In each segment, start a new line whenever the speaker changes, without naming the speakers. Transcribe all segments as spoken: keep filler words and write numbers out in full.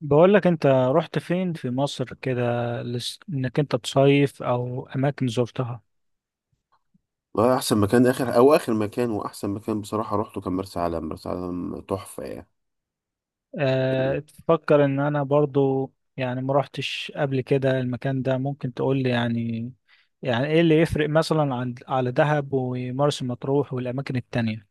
بقول لك انت رحت فين في مصر كده؟ لس- انك انت تصيف او اماكن زرتها؟
والله احسن مكان اخر او اخر مكان واحسن مكان بصراحه روحته كان مرسى علم. مرسى علم تحفه يعني.
أه،
ال-
تفكر ان انا برضو يعني ما رحتش قبل كده المكان ده، ممكن تقول لي يعني؟ يعني ايه اللي يفرق مثلا عن على دهب ومرسى مطروح والاماكن التانية؟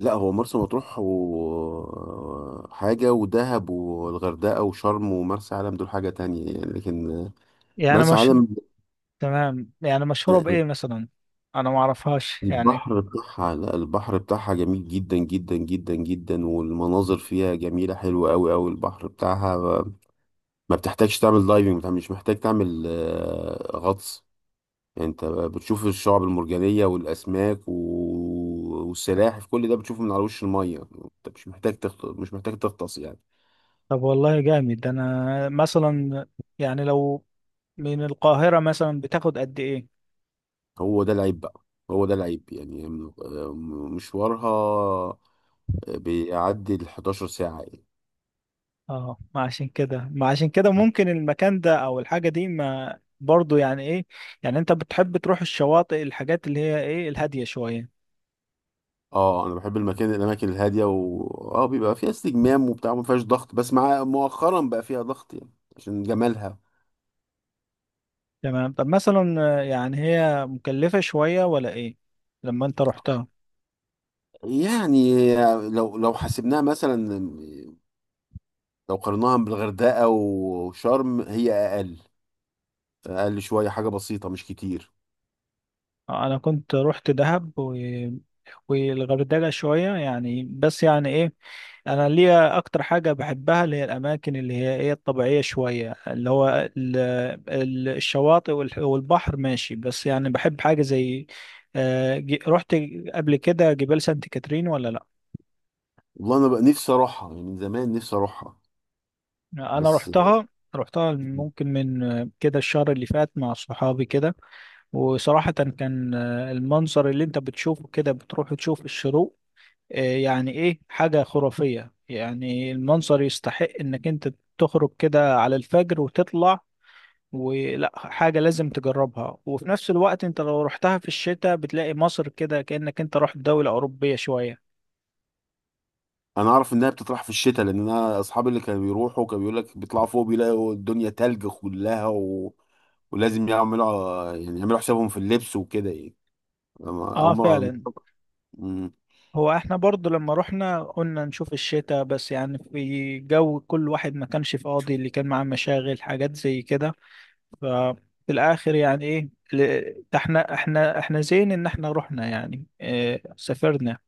لا، هو مرسى مطروح وحاجه ودهب والغردقه وشرم ومرسى علم دول حاجه تانية يعني، لكن
يعني
مرسى
مش
علم،
تمام، يعني مشهورة بايه مثلا؟ انا ما اعرفهاش يعني.
البحر بتاعها لا البحر بتاعها جميل جدا جدا جدا جدا، والمناظر فيها جميله حلوه قوي قوي. البحر بتاعها ما بتحتاجش تعمل دايفنج، مش محتاج تعمل آه، غطس يعني. انت بتشوف الشعب المرجانية والاسماك و- والسلاحف، كل ده بتشوفه من على وش المية، انت مش محتاج تغط... مش محتاج تغطس يعني.
طب والله جامد. انا مثلا يعني لو من القاهرة مثلا بتاخد قد ايه؟
هو ده العيب بقى، هو ده العيب يعني م- م- مشوارها بيعدي ال حداشر ساعة يعني.
اه، ما عشان كده ما عشان كده ممكن المكان ده او الحاجة دي ما برضو يعني ايه. يعني انت بتحب تروح الشواطئ، الحاجات اللي هي ايه، الهادية شوية؟
اه، انا بحب المكان الاماكن الهادية، و اه، بيبقى فيها استجمام وبتاع، ما فيهاش ضغط، بس مع مؤخرا بقى فيها ضغط يعني عشان جمالها.
تمام. طب مثلا آه، يعني هي مكلفة شوية ولا ايه؟ لما انت رحتها.
يعني لو لو حسبناها مثلا، لو قارناها بالغردقة وشرم هي أقل، أقل شوية، حاجة بسيطة مش كتير.
آه، انا كنت رحت دهب و... والغردقة شوية يعني، بس يعني ايه، انا ليا اكتر حاجه بحبها اللي هي الاماكن اللي هي ايه الطبيعيه شويه، اللي هو ال- ال- الشواطئ والح- والبحر ماشي، بس يعني بحب حاجه زي آه، ج- رحت قبل كده جبال سانت كاترين ولا لا؟
والله أنا بقى نفسي أروحها يعني، من زمان نفسي أروحها
انا
بس.
رحتها. رحتها ممكن من آه، كده الشهر اللي فات مع صحابي كده. وصراحه كان آه، المنظر اللي انت بتشوفه كده، بتروح تشوف الشروق، آه، يعني ايه، حاجه خرافيه. يعني المنظر يستحق انك انت تخرج كده على الفجر وتطلع، ولا حاجة لازم تجربها. وفي نفس الوقت انت لو رحتها في الشتاء بتلاقي مصر كده كأنك انت رحت دولة أوروبية شوية.
أنا أعرف إنها بتطرح في الشتاء، لأن أنا أصحابي اللي كانوا بيروحوا كانوا بيقول لك بيطلعوا فوق بيلاقوا الدنيا تلج كلها، و... ولازم يعملوا يعني يعملوا حسابهم في اللبس وكده يعني. أما- أو
اه
ما
فعلا.
مم.
هو احنا برضو لما رحنا قلنا نشوف الشتاء، بس يعني في جو كل واحد ما كانش فاضي، اللي كان معاه مشاغل حاجات زي كده. ففي الآخر يعني ايه ل- احنا احنا احنا زين ان احنا رحنا، يعني اه سافرنا.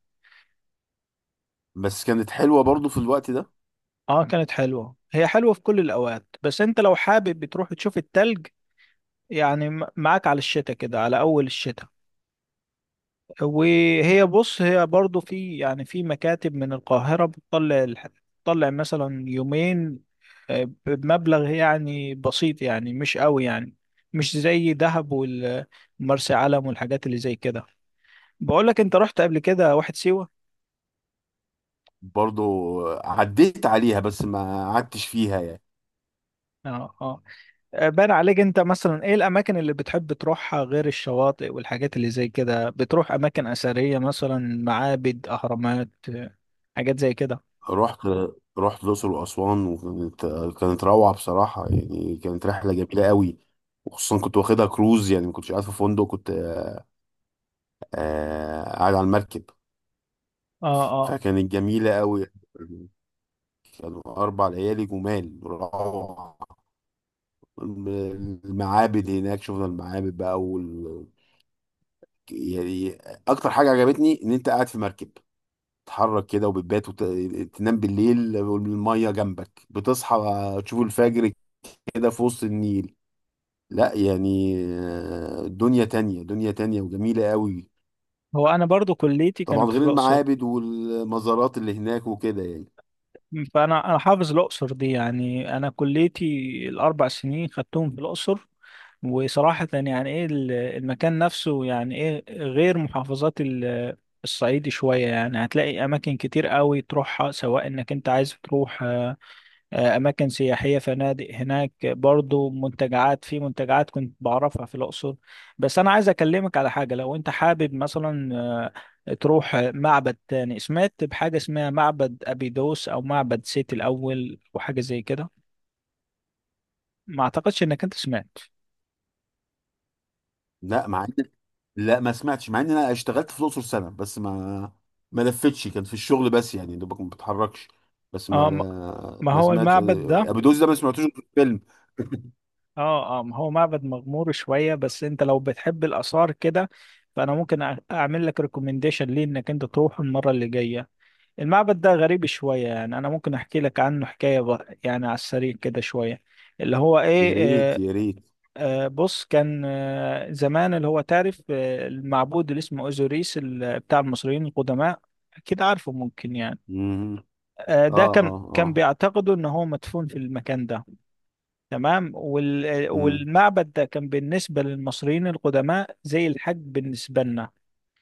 بس كانت حلوة برضو في الوقت ده.
اه كانت حلوة. هي حلوة في كل الأوقات، بس انت لو حابب بتروح تشوف التلج يعني م- معاك على الشتاء كده، على أول الشتاء. وهي بص، هي برضو في يعني في مكاتب من القاهرة بتطلع الح- بتطلع مثلا يومين آه، بمبلغ يعني بسيط، يعني مش قوي يعني، مش زي دهب والمرسى علم والحاجات اللي زي كده. بقول لك انت رحت قبل كده واحد سيوة؟
برضو عديت عليها بس ما قعدتش فيها يعني.
اه، اه. بان عليك، انت مثلا ايه الاماكن اللي بتحب تروحها غير الشواطئ والحاجات اللي زي كده؟ بتروح اماكن اثريه مثلا، معابد، اهرامات، حاجات زي كده؟
رحت رحت الأقصر وأسوان، وكانت، كانت روعة بصراحة يعني، كانت رحلة جميلة قوي. وخصوصا كنت واخدها كروز يعني، ما كنتش قاعد في فندق، كنت آه، آه، قاعد على المركب،
اه، اه.
فكانت جميلة قوي. كانوا أربع ليالي جمال، روعة. المعابد هناك، شفنا المعابد بقى، وال... يعني أكتر حاجة عجبتني إن أنت قاعد في مركب تتحرك كده، وبتبات وتنام بالليل والمية جنبك، بتصحى تشوف الفجر كده في وسط النيل. لا يعني آه، دنيا تانية، دنيا تانية وجميلة قوي.
هو انا برضو كليتي
طبعا
كانت في
غير
الاقصر.
المعابد والمزارات اللي هناك وكده يعني.
فانا انا حافظ الاقصر دي يعني. انا كليتي الاربع سنين خدتهم في الاقصر. وصراحه يعني ايه، ال- المكان نفسه يعني ايه، غير محافظات ال- الصعيد شويه يعني، هتلاقي اماكن كتير قوي تروحها، سواء انك انت عايز تروح آه، أماكن سياحية، فنادق هناك، برضو منتجعات، في منتجعات كنت بعرفها في الأقصر. بس أنا عايز أكلمك على حاجة، لو أنت حابب مثلا آه، تروح معبد تاني. سمعت بحاجة اسمها معبد أبيدوس أو معبد سيتي الأول وحاجة زي كده؟ ما أعتقدش إنك أنت سمعت.
لا مع إن لا، ما سمعتش، مع ان انا اشتغلت في الاقصر سنة، بس ما ما لفتش، كان في الشغل بس يعني، دوبك ما بتحركش. بس
اه،
ما
ما ما
ما
هو
سمعتش
المعبد
آه،
ده.
ابو دوس ده، ما سمعتوش في الفيلم.
اه، اه. ما هو معبد مغمور شوية، بس انت لو بتحب الآثار كده، فأنا ممكن أع- أعمل لك ريكومنديشن ليه إنك أنت تروح المرة اللي جاية. المعبد ده غريب شوية يعني. أنا ممكن أحكي لك عنه حكاية بقى، يعني على السريع كده شوية، اللي هو
يا
إيه
ريت،
آه،
يا ريت.
آه، بص. كان آه، زمان، اللي هو تعرف آه، المعبود اللي اسمه أوزوريس ال- بتاع المصريين القدماء، أكيد عارفه ممكن يعني.
مم.
آه، ده
اه،
كان
اه، اه.
كان بيعتقدوا إن هو مدفون في المكان ده. تمام. وال- آه،
مم.
والمعبد ده كان بالنسبة للمصريين القدماء زي الحج بالنسبة لنا.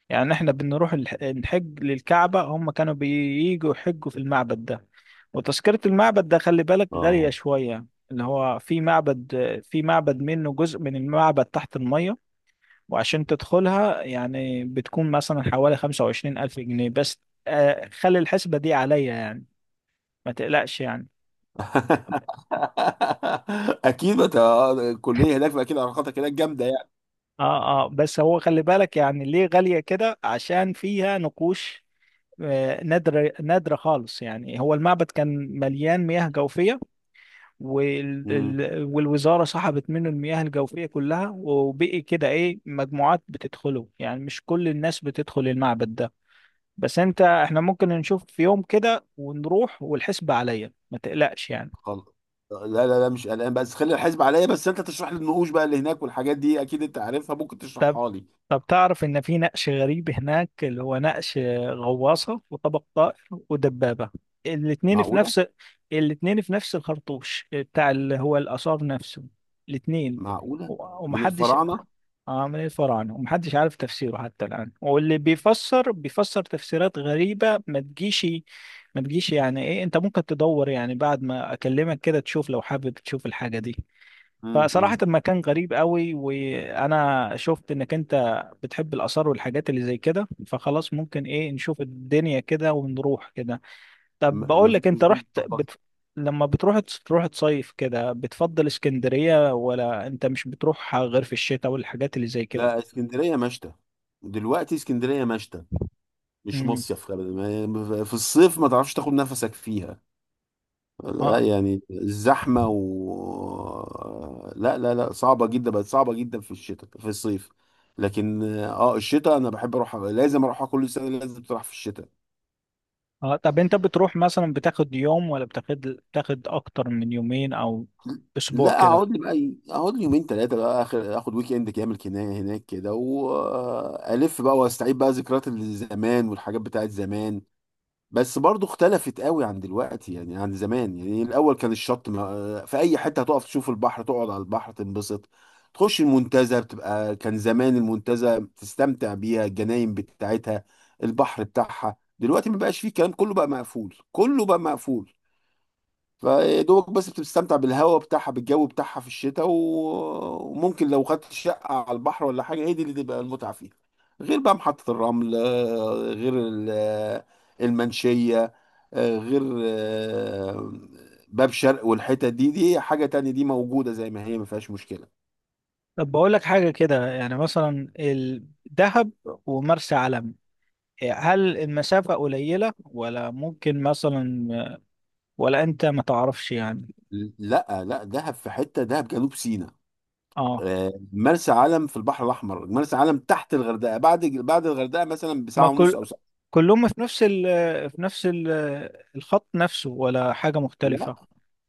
يعني احنا بنروح الح- نحج للكعبة، هم كانوا بييجوا يحجوا في المعبد ده. وتذكرة المعبد ده خلي بالك غالية
اه.
شوية. اللي هو في معبد، في معبد منه جزء من المعبد تحت المية. وعشان تدخلها يعني بتكون مثلا حوالي خمسة وعشرين ألف جنيه بس. آه، خلي الحسبة دي عليا يعني، ما تقلقش يعني.
اكيد بت... الكليه هناك، فاكيد علاقاتك هناك جامده
اه، اه. بس هو خلي بالك يعني ليه غالية كده؟ عشان فيها نقوش آه، نادرة، نادرة خالص يعني. هو المعبد كان مليان مياه جوفية، وال...
يعني.
ال- والوزارة سحبت منه المياه الجوفية كلها. وبقي كده ايه، مجموعات بتدخله يعني، مش كل الناس بتدخل المعبد ده. بس انت، احنا ممكن نشوف في يوم كده ونروح، والحسبة عليا، ما تقلقش يعني.
خلاص، لا لا لا، مش قلقان، بس خلي الحزب عليا، بس انت تشرح لي النقوش بقى اللي هناك والحاجات دي، اكيد انت عارفها ممكن
طب.
تشرحها لي.
طب تعرف ان في نقش غريب هناك، اللي هو نقش غواصة وطبق طائر ودبابة. الاتنين في
معقوله.
نفس الاتنين في نفس الخرطوش بتاع اللي هو الآثار نفسه، الاتنين،
معقوله.
و-
من
ومحدش
الفراعنه.
عامل ايه الفرع عنه، ومحدش عارف تفسيره حتى الآن. واللي بيفسر بيفسر تفسيرات غريبة ما تجيش. ما تجيش يعني ايه، انت ممكن تدور يعني بعد ما اكلمك كده، تشوف لو حابب تشوف الحاجة دي. فصراحة
امم.
المكان غريب قوي، وانا شفت انك انت بتحب الاثار والحاجات اللي زي كده، فخلاص ممكن ايه نشوف الدنيا كده ونروح كده. طب
ما
بقول
فيش
لك انت
مشكله
رحت
طب-
بت... لما بتروح، تروح تصيف كده، بتفضل اسكندرية ولا انت مش بتروح غير في الشتاء والحاجات اللي زي كده؟
لا، اسكندريه مشتى. دلوقتي اسكندريه مشتى، مش
امم.
مصيف، خلي بالك. ما- في الصيف ما تعرفش تاخد نفسك فيها. لا
اه،
يعني، الزحمة، و لا لا لا، صعبة جدا، بقت صعبة جدا في الشتاء في الصيف. لكن اه، الشتاء انا بحب اروح، لازم اروحها كل سنة، لازم تروح في الشتاء.
اه. طب انت بتروح مثلا بتاخد يوم، ولا بتاخد بتاخد اكتر من يومين او اسبوع
لا،
كده؟
اقعد لي بقى إيه، اقعد لي يومين ثلاثة بقى، اخر اخد ويك اند كامل كنا- هناك كده، والف بقى واستعيد بقى ذكريات الزمان والحاجات بتاعت زمان. بس برضو اختلفت قوي عن دلوقتي يعني، عن زمان يعني، الاول كان الشط ما آه، في اي حته هتقف تشوف البحر، تقعد على البحر تنبسط، تخش المنتزه بتبقى، كان زمان المنتزه تستمتع بيها، الجناين بتاعتها، البحر بتاعها. دلوقتي ما بقاش فيه، الكلام كله بقى مقفول، كله بقى مقفول. فدوبك بس بتستمتع بالهواء بتاعها، بالجو بتاعها في الشتاء، و- وممكن لو خدت شقة على البحر ولا حاجة، هي دي اللي تبقى المتعة فيها. غير بقى محطة الرمل آه، غير ال- المنشية، آه، غير آه، باب شرق، والحتت دي دي حاجة تانية، دي موجودة زي ما هي ما فيهاش مشكلة.
طب بقول لك حاجه كده، يعني مثلا ال- دهب ومرسى علم، هل المسافه قليله ولا ممكن مثلا، ولا انت ما تعرفش يعني؟
لا لا، دهب في حتة، دهب جنوب سيناء.
اه.
آه، مرسى علم في البحر الأحمر، مرسى علم تحت الغردقة، بعد بعد الغردقة مثلا
ما
بساعة ونص
كل
أو ساعة.
كلهم في نفس ال في نفس ال الخط نفسه ولا حاجه
لا
مختلفه؟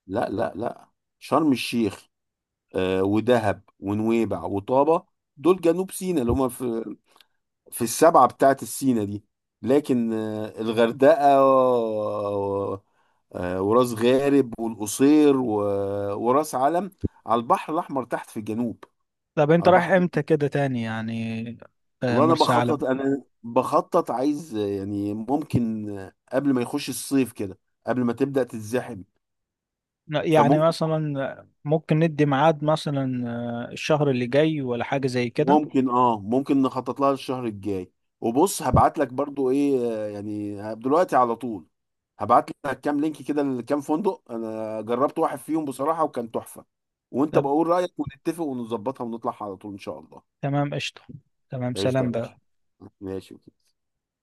لا لا لا، شرم الشيخ آه، ودهب ونويبع وطابة، دول جنوب سيناء اللي هم في في السبعة بتاعت السيناء دي. لكن آه، الغردقة و- آه، وراس غارب والقصير و- وراس علم على البحر الأحمر، تحت في الجنوب.
طب انت
على
رايح
البحر،
امتى كده تاني يعني؟ آه،
والله أنا
مرسى علم.
بخطط، أنا بخطط، عايز آه، يعني ممكن آه، قبل ما يخش الصيف كده، قبل ما تبدأ تتزحم.
يعني
فممكن
مثلا ممكن ندي ميعاد مثلا آه، الشهر اللي جاي ولا حاجة زي كده؟
ممكن اه ممكن نخطط لها الشهر الجاي. وبص هبعت لك برضو ايه، آه، يعني دلوقتي على طول هبعت لك كام لينك كده لكام فندق، انا جربت واحد فيهم بصراحة وكان تحفة، وانت
طب.
بقول رأيك، ونتفق ونظبطها ونطلع على طول ان شاء الله.
تمام قشطة. تمام،
قشطة يا
سلام
باشا،
بقى.
ماشي.